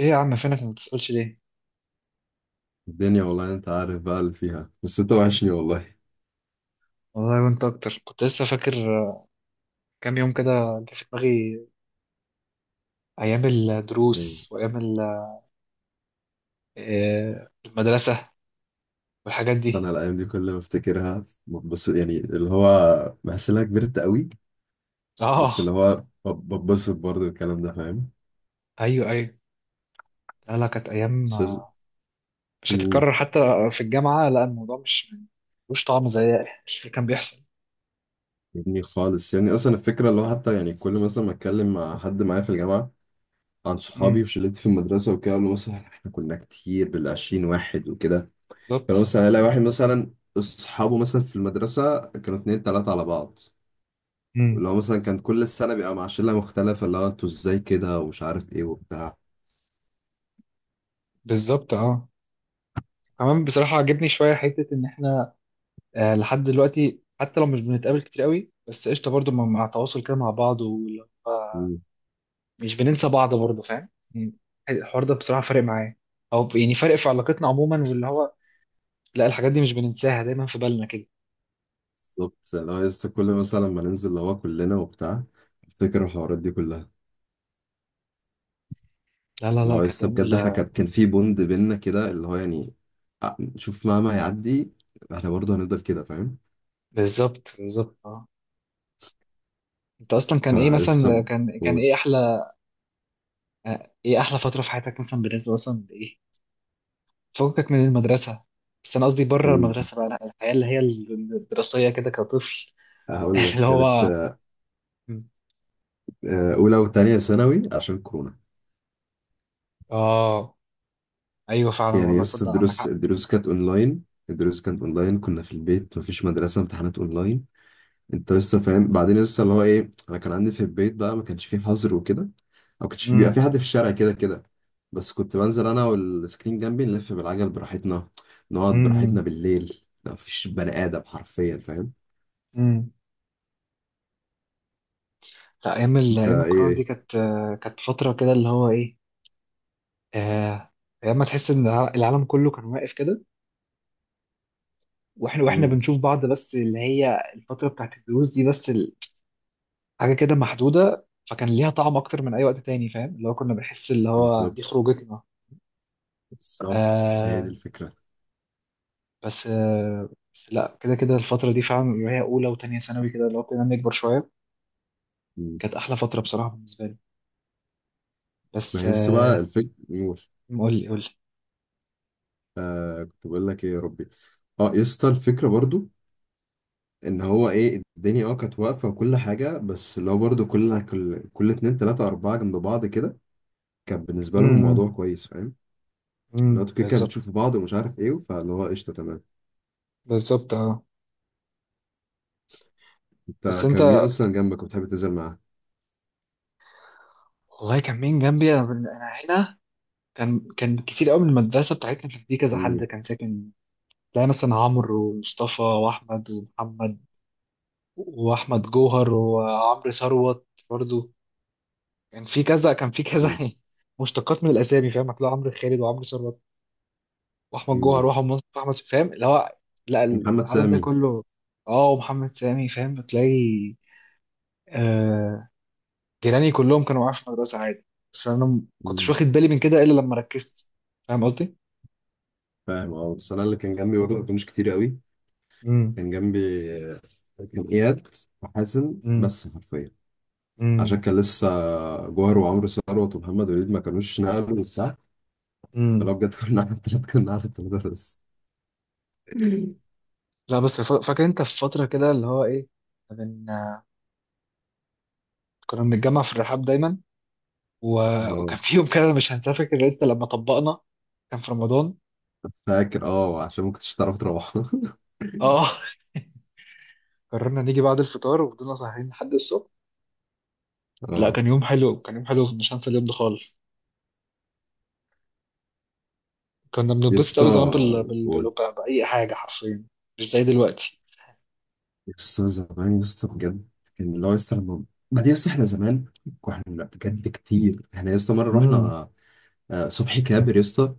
ايه يا عم، فينك؟ ما بتسألش ليه؟ الدنيا والله انت عارف بقى اللي فيها، بس انت وحشني والله. والله وانت اكتر، كنت لسه فاكر. آه، كام يوم كده جه في دماغي. ايام يعني. الدروس وايام المدرسة والحاجات بس انا دي. الايام دي كل ما افتكرها، بس يعني اللي هو بحس ان انا كبرت قوي. اه، بس اللي هو بتبسط برضه بالكلام ده، فاهم؟ ايوه ايوه. لا كانت ايام، بس. مش مم. هتتكرر حتى. في الجامعة لا، الموضوع مش ملوش طعم زي اللي كان بيحصل. يعني خالص، يعني اصلا الفكره اللي هو حتى يعني كل مثلا ما اتكلم مع حد معايا في الجامعه عن صحابي امم، وشلتي في المدرسه وكده، اقول له مثلا احنا كنا كتير بالعشرين واحد وكده. فانا بالظبط. مثلا الاقي واحد مثلا اصحابه مثلا في المدرسه كانوا اتنين تلاته على بعض. امم، لو مثلا كان كل السنة بيبقى مع شلة مختلفة، اللي هو انتوا ازاي كده ومش عارف ايه وبتاع. بالظبط اه. كمان بصراحة عجبني شوية حتة ان احنا، لحد دلوقتي حتى لو مش بنتقابل كتير قوي، بس قشطة برضو مع التواصل كده مع بعض. مم. مش بننسى بعض برضه، فاهم يعني. الحوار ده بصراحة فارق معايا، او يعني فارق في علاقتنا عموما. واللي هو لا، الحاجات دي مش بننساها، دايما في بالنا كده. بالظبط، اللي هو لسه كل مثلا لما ننزل اللي هو كلنا وبتاع افتكر الحوارات دي كلها. لا لا اللي لا هو كانت لسه بجد احنا كان في بوند بينا كده، اللي هو يعني شوف مهما هيعدي احنا برضه هنفضل كده، فاهم؟ بالظبط بالظبط اه. انت اصلا كان ايه مثلا، فلسه كان بقول. ايه احلى، ايه احلى فترة في حياتك مثلا، بالنسبة مثلا لايه؟ فكك من المدرسة. بس انا قصدي بره مم. المدرسة بقى، لا الحياة اللي هي الدراسية كده كطفل. هقول لك اللي كانت هو أولى وتانية ثانوي عشان كورونا. اه، ايوه فعلا يعني والله، لسه تصدق عندك الدروس حق. الدروس كانت أونلاين. الدروس كانت أونلاين، كنا في البيت، مفيش مدرسة، امتحانات أونلاين. انت لسه فاهم؟ بعدين لسه اللي هو ايه، انا كان عندي في البيت بقى ما كانش فيه حظر وكده. او كانش فيه بيبقى في امم. حد في الشارع كده كده. بس كنت بنزل انا والسكرين جنبي نلف بالعجل براحتنا. نقعد براحتنا بالليل، ما فيش بني ادم حرفيا، فاهم؟ امم. لا، انت ايام ايه الكورونا دي إيه. كانت، كانت فتره كده اللي هو ايه، آه، ايام ما تحس ان العالم كله كان واقف كده، واحنا مم، بنشوف بعض. بس اللي هي الفتره بتاعت الدروس دي بس، حاجه كده محدوده، فكان ليها طعم اكتر من اي وقت تاني، فاهم؟ اللي هو كنا بنحس اللي هو دي بالظبط. خروجتنا. بالظبط، هي دي آه. الفكره. بس آه، بس لا، كده كده الفتره دي فعلا اللي هي اولى وتانية ثانوي كده اللي هو كنا بنكبر شويه، مم. كانت احلى فتره بصراحه بالنسبه لي. ما بس هي لسه آه، بقى الفكره نور. قول لي قول لي. آه كنت بقول لك ايه يا ربي. اه يسطا الفكره برضو، ان هو ايه الدنيا اه كانت واقفه وكل حاجه، بس اللي هو برضه كل اتنين تلاته اربعه جنب بعض كده، كان بالنسبه لهم امم. موضوع كويس، فاهم؟ اللي هو انتوا كده كده بالظبط. بتشوفوا بعض ومش عارف ايه، فاللي هو قشطه تمام. بالظبط اه. بس انت كان مين انت، اصلا جنبك وبتحب تنزل معاه؟ والله كان مين جنبي انا، أنا هنا كان، كتير قوي من المدرسه بتاعتنا، كان في كذا حد مم، كان ساكن. تلاقي مثلا عمرو ومصطفى واحمد ومحمد، واحمد جوهر وعمرو ثروت برضو. كان في كذا مم، مشتقات من الاسامي، فاهم؟ هتلاقي عمرو خالد وعمرو ثروت، واحمد جوهر مم. واحمد مصطفى واحمد، فاهم اللي هو لا ومحمد العدد ده سامي. كله. اه، ومحمد سامي، فاهم بتلاقي. آه، جيراني كلهم كانوا معايا في المدرسه عادي، بس انا كنتش مم، واخد بالي من كده الا لما ركزت، فاهم قصدي. فاهم. اه بس انا اللي كان جنبي برضه ما كانوش كتير قوي. امم كان جنبي آه، كان اياد وحازم امم بس، حرفيا. عشان امم. كان لسه جوهر وعمرو ثروت ومحمد وليد ما كانوش نقلوا. امم. فلو بجد كنا على التلاتة، كنا على التلاتة بس. لا بس، فاكر انت في فتره كده اللي هو ايه، من كنا بنتجمع في الرحاب دايما. و- اه وكان في يوم كده أنا مش هنساه، فاكر انت لما طبقنا، كان في رمضان. فاكر، اه عشان ما كنتش تعرف تروح. اه. قررنا نيجي بعد الفطار، وفضلنا سهرين لحد الصبح. لا اه. كان يوم حلو، كان يوم حلو، مش هنسى اليوم ده خالص. كنا يا بنتبسط اسطى قوي زمان قول. بأي حاجه حرفيا، مش زي دلوقتي. يا اسطى زمان يا اسطى بجد. كان اللي هو يا اسطى لما بعدين يا اسطى احنا زمان كنا بجد كتير. احنا يا اسطى مره امم. رحنا صبحي كابر يا اسطى.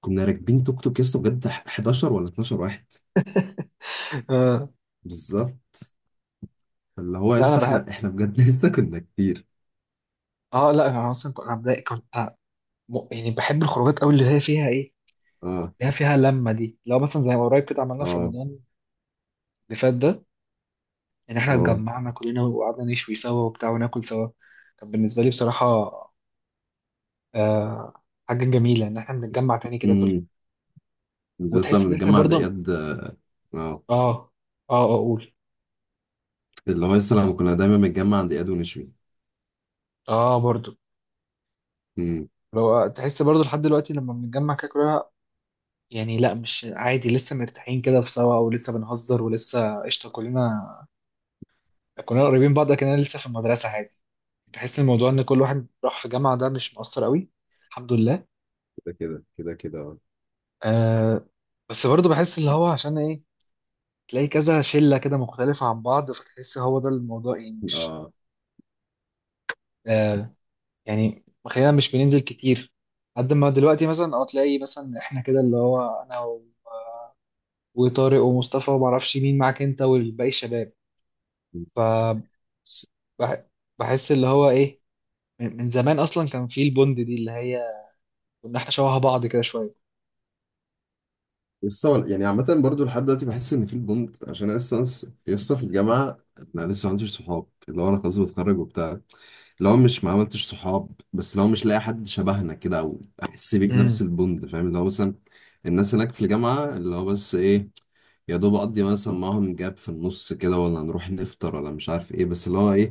كنا راكبين توك توك يا اسطى بجد، 11 ولا 12 واحد. آه. بالظبط، اللي هو يا لا انا اسطى بحب، احنا بجد لسه كنا كتير. اه لا انا اصلا كنت، انا بداية كنت أنا م- يعني بحب الخروجات قوي، اللي هي فيها ايه، اه، ليها فيها لمة دي. لو مثلا زي ما قريب كده عملنا في اه، رمضان اللي فات ده، يعني احنا اه. اتجمعنا كلنا وقعدنا نشوي سوا وبتاع، وناكل سوا. كان بالنسبة لي بصراحة، آه حاجة جميلة ان احنا بنتجمع تاني كده كلنا، امم. بالذات وتحس لما ان احنا نتجمع عند برضه. اياد. اه، اه اه. اه اقول، اللي هو لسه لما كنا دايما بنتجمع عند اياد ونشوي. اه برضه امم. لو تحس برضه لحد دلوقتي لما بنتجمع كده كلنا، يعني لا مش عادي، لسه مرتاحين كده في سوا، ولسه بنهزر، ولسه قشطة كلنا، كلنا قريبين بعض كأننا لسه في المدرسة عادي. بحس إن الموضوع ان كل واحد راح في جامعة ده مش مؤثر قوي، الحمد لله. كده كده كده كده، اه. آه. بس برضه بحس اللي هو عشان ايه، تلاقي كذا شله كده مختلفه عن بعض، فتحس هو ده الموضوع يعني مش، اه. آه يعني خلينا مش بننزل كتير، قد ما دلوقتي مثلا اه، تلاقي مثلا احنا كده اللي هو انا وطارق ومصطفى، وما اعرفش مين معاك انت والباقي الشباب. بس- فبحس اللي هو ايه، من زمان اصلا كان في البوند دي اللي هي كنا احنا شبه بعض كده شويه. لسه يعني عامة برضو لحد دلوقتي بحس إن في البوند، عشان أنا لسه في الجامعة. أنا لسه ما عنديش صحاب، اللي هو أنا خلاص بتخرج وبتاع. اللي هو مش ما عملتش صحاب، بس اللي هو مش لاقي حد شبهنا كده أو أحس بيك نفس امم، البوند، فاهم؟ اللي هو مثلا الناس هناك في الجامعة اللي هو بس إيه، يا دوب اقضي مثلا معاهم جاب في النص كده ولا نروح نفطر ولا مش عارف ايه، بس اللي هو ايه،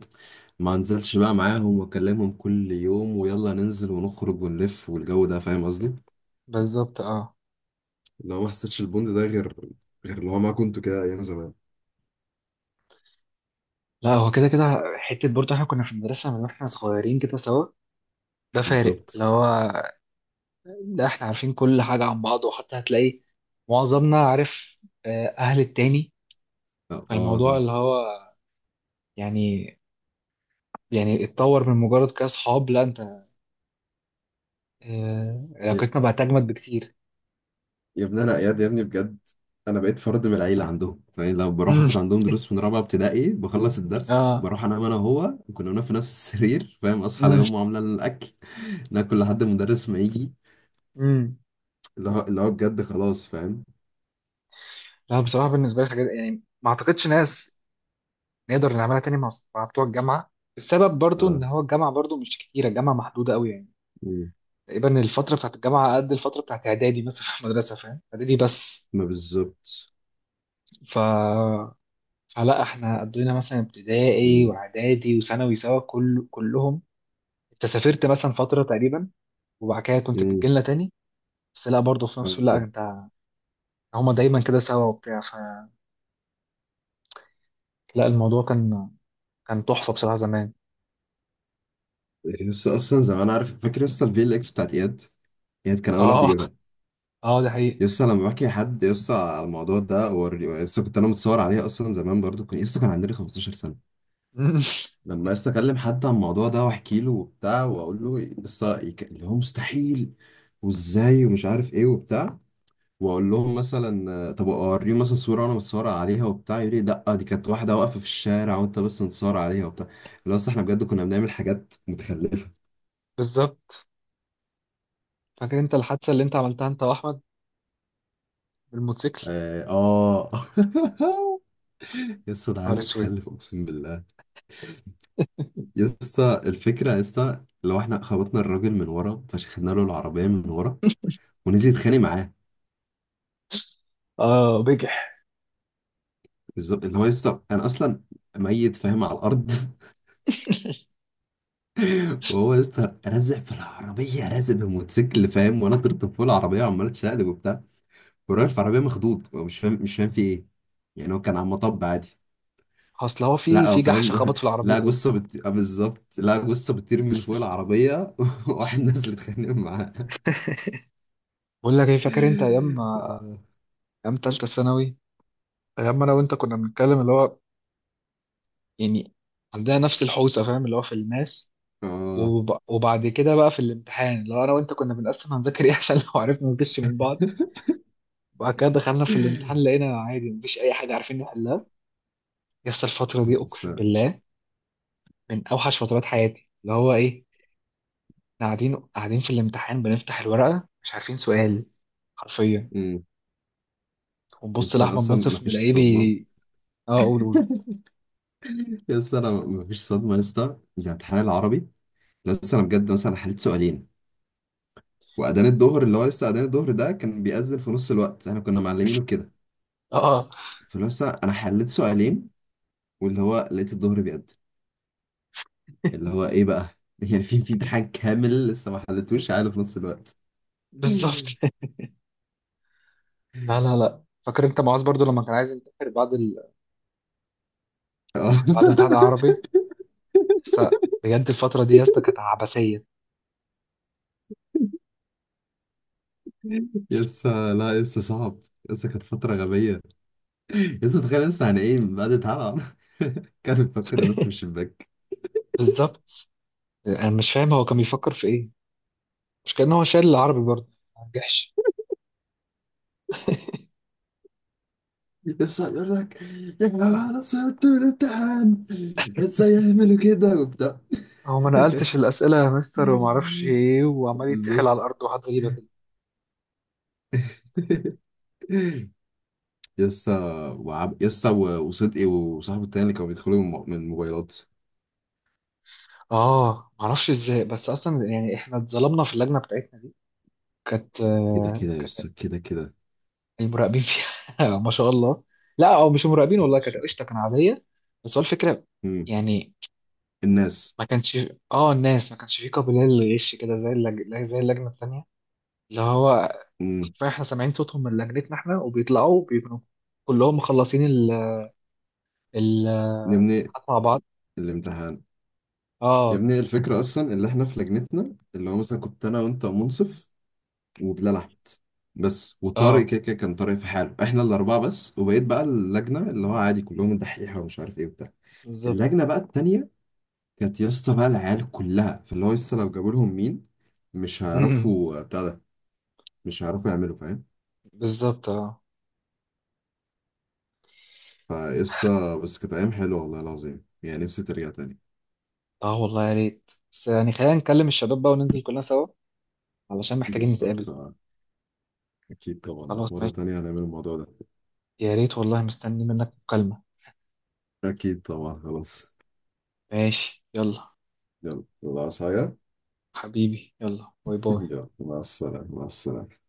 ما انزلش بقى معاهم واكلمهم كل يوم ويلا ننزل ونخرج ونلف والجو ده، فاهم قصدي؟ بالظبط اه. اللي هو ما حسيتش البوند ده غير، غير اللي هو ما كنتوا كده ايام زمان. لا هو كده كده حته، برضه احنا كنا في المدرسه من واحنا صغيرين كده سوا، ده فارق بالظبط. اللي هو لا، احنا عارفين كل حاجة عن بعض. وحتى هتلاقي معظمنا عارف، أهل التاني. اه آه، فالموضوع صح. اللي هو يعني، يعني اتطور من مجرد كأصحاب، لا انت، يا علاقتنا بقت أجمد بكتير. يا ابني انا اياد يا ابني بجد، انا بقيت فرد من العيله عندهم، فاهم؟ لو بروح مم. اخد عندهم دروس من رابعه ابتدائي، بخلص الدرس اه. بروح انام، انا وهو كنا بننام في نفس السرير، فاهم؟ اصحى على مم. يوم وعامله الاكل. ناكل لحد المدرس ما يجي. مم. اللي هو بجد خلاص، فاهم؟ لا بصراحة بالنسبة لي حاجات، يعني ما اعتقدش ناس نقدر نعملها تاني مع بتوع الجامعة. السبب برضو ان اه. هو الجامعة برضو مش كتيرة، الجامعة محدودة قوي يعني. مم. تقريبا الفترة بتاعت الجامعة قد الفترة بتاعت اعدادي مثلا في المدرسة، فاهم؟ اعدادي بس. ما بالظبط. ف... فلا احنا قضينا مثلا ابتدائي مم. واعدادي وثانوي سوا، كلهم. انت سافرت مثلا فتره تقريبا، وبعد كده كنت مم. بتجيلنا تاني. بس لا برضه في نفس، لا اه. انت، هما دايما كده سوا وبتاع. فلا، الموضوع كان، كان تحفه بصراحه زمان. يعني يس اصلا زي ما انا عارف فاكر يس الفي ال اكس بتاعت اياد. اياد كان اول واحد اه. يجيبها. اه ده حقيقي. يس لما بحكي لحد يس على الموضوع ده هو، يس كنت انا متصور عليها اصلا زمان، برضو كان يس كان عندنا 15 سنه. لما يس اكلم حد عن الموضوع ده واحكي له وبتاع واقول له يس اللي هو مستحيل، وازاي، ومش عارف ايه وبتاع. واقول لهم مثلا طب اوريهم مثلا صوره وانا متصور عليها وبتاع، يقول لي لا دي كانت واحده واقفه في الشارع وانت بس متصور عليها وبتاع. اللي هو أصل احنا بجد كنا بنعمل حاجات متخلفه. بالظبط. فاكر انت الحادثه اللي انت عملتها انت واحمد بالموتوسيكل؟ اه آه. يا اسطى ده يا عيل نهار اسود. متخلف اقسم بالله. يا اسطى الفكره يا اسطى، لو احنا خبطنا الراجل من ورا، فشخنا له العربيه من ورا ونزل يتخانق معاه. اه بجح. بالظبط، اللي هو يا اسطى انا اصلا ميت فاهم على الارض. وهو يا اسطى رازق في العربيه، رازق بالموتوسيكل، فاهم؟ وانا طرت فوق العربيه وعمال اتشقلب وبتاع. كان راكب في عربية مخضوض، هو مش فاهم مش فاهم في ايه. يعني هو كان على المطب عادي. اصل هو في لا هو في جحش فاهم. خبط في لا العربيته. جثة بت... آه بالظبط، لا جثة بتطير من فوق العربية، واحد نازل يتخانق معاها. بقول لك ايه، فاكر انت ايام، اه. ايام تالتة ثانوي، ايام ما انا وانت كنا بنتكلم اللي هو يعني عندنا نفس الحوسه، فاهم؟ اللي هو في الماس، آه. وب... وبعد كده بقى في الامتحان اللي هو انا وانت كنا بنقسم هنذاكر ايه، عشان لو عرفنا نغش من بعض. وبعد كده دخلنا في الامتحان لقينا عادي مفيش اي حاجه عارفين نحلها. الفتره دي بس اقسم بالله من اوحش فترات حياتي، اللي هو ايه، احنا قاعدين في الامتحان، بنفتح الورقه مش عارفين سؤال حرفيا، أمم. ونبص بس أنا لاحمد اصلا ما منصف فيش نلاقيه صدمة. بي. اه قول قول. يس انا ما فيش صدمة يا اسطى زي امتحان العربي. بس انا بجد مثلا حليت سؤالين، واذان الظهر اللي هو لسه اذان الظهر ده كان بيأذن في نص الوقت احنا كنا معلمينه كده. اه آه. فلسه انا حليت سؤالين، واللي هو لقيت الظهر بيأذن، اللي هو ايه بقى. يعني في امتحان كامل لسه ما حلتوش عقله في نص الوقت. بالظبط. لا فاكر انت معاذ برضو لما كان عايز ينتحر بعد آه. بعد امتحان العربي؟ بس بجد الفترة دي يا اسطى كانت عبثية. يسا لا يسا صعب. يسا كانت فترة غبية. يسا تخيل يسا، يعني ايه بعد تعالى. كان بيفكر ينط من الشباك. بالظبط. انا مش فاهم هو كان بيفكر في ايه، مش كان هو شايل العربي برضه، ما نجحش؟ يسا يقول لك يا جماعة أنا صعبت من الامتحان، ازاي يعملوا كده وبتاع. هو ما نقلتش الاسئله يا مستر وما اعرفش ايه، وعمال يتسحل على بالظبط. الارض وحاجات غريبه كده. يسا يسا وصدقي وصاحبه التاني اللي كانوا بيدخلوا من الموبايلات. اه ما اعرفش ازاي، بس اصلا يعني احنا اتظلمنا في اللجنه بتاعتنا دي، كانت، كده كده يا كانت أستاذ، كده كده. المراقبين فيها ما شاء الله. لا او مش مراقبين، والله كانت قشطه، كانت عاديه. بس هو الفكره مم. يعني الناس. ما كانش، اه الناس ما كانش فيه قابلية للغش كده، زي زي اللجنة التانية اللي هو مم. حرفيا احنا سامعين صوتهم من لجنتنا احنا، وبيطلعوا بيكونوا كلهم مخلصين ال يا ابني الامتحانات مع بعض. الامتحان. يا اه. ابني الفكرة أصلا اللي احنا في لجنتنا اللي هو مثلا كنت أنا وأنت ومنصف وبلال أحمد بس وطارق، اه كده كده كان طارق في حاله، احنا الأربعة بس، وبقيت بقى اللجنة اللي هو عادي كلهم دحيحة ومش عارف إيه وبتاع. بالظبط. اللجنة بقى التانية، كانت يا اسطى بقى العيال كلها فاللي هو لسه لو جابوا لهم مين مش أمم، هيعرفوا بتاع ده، مش هيعرفوا يعملوا، فاهم؟ بالظبط. اه. فقصة بس كانت أيام حلوة والله العظيم، يعني نفسي ترجع تاني. اه والله يا ريت، بس يعني خلينا نكلم الشباب بقى وننزل كلنا سوا، علشان محتاجين بالظبط. نتقابل. أكيد طبعا خلاص في مرة ماشي. تانية هنعمل الموضوع ده. يا ريت والله، مستني منك مكالمة. أكيد طبعا، خلاص. ماشي يلا، يلا الله، عايز حاجة؟ حبيبي يلا، باي باي. يلا مع السلامة، مع السلامة.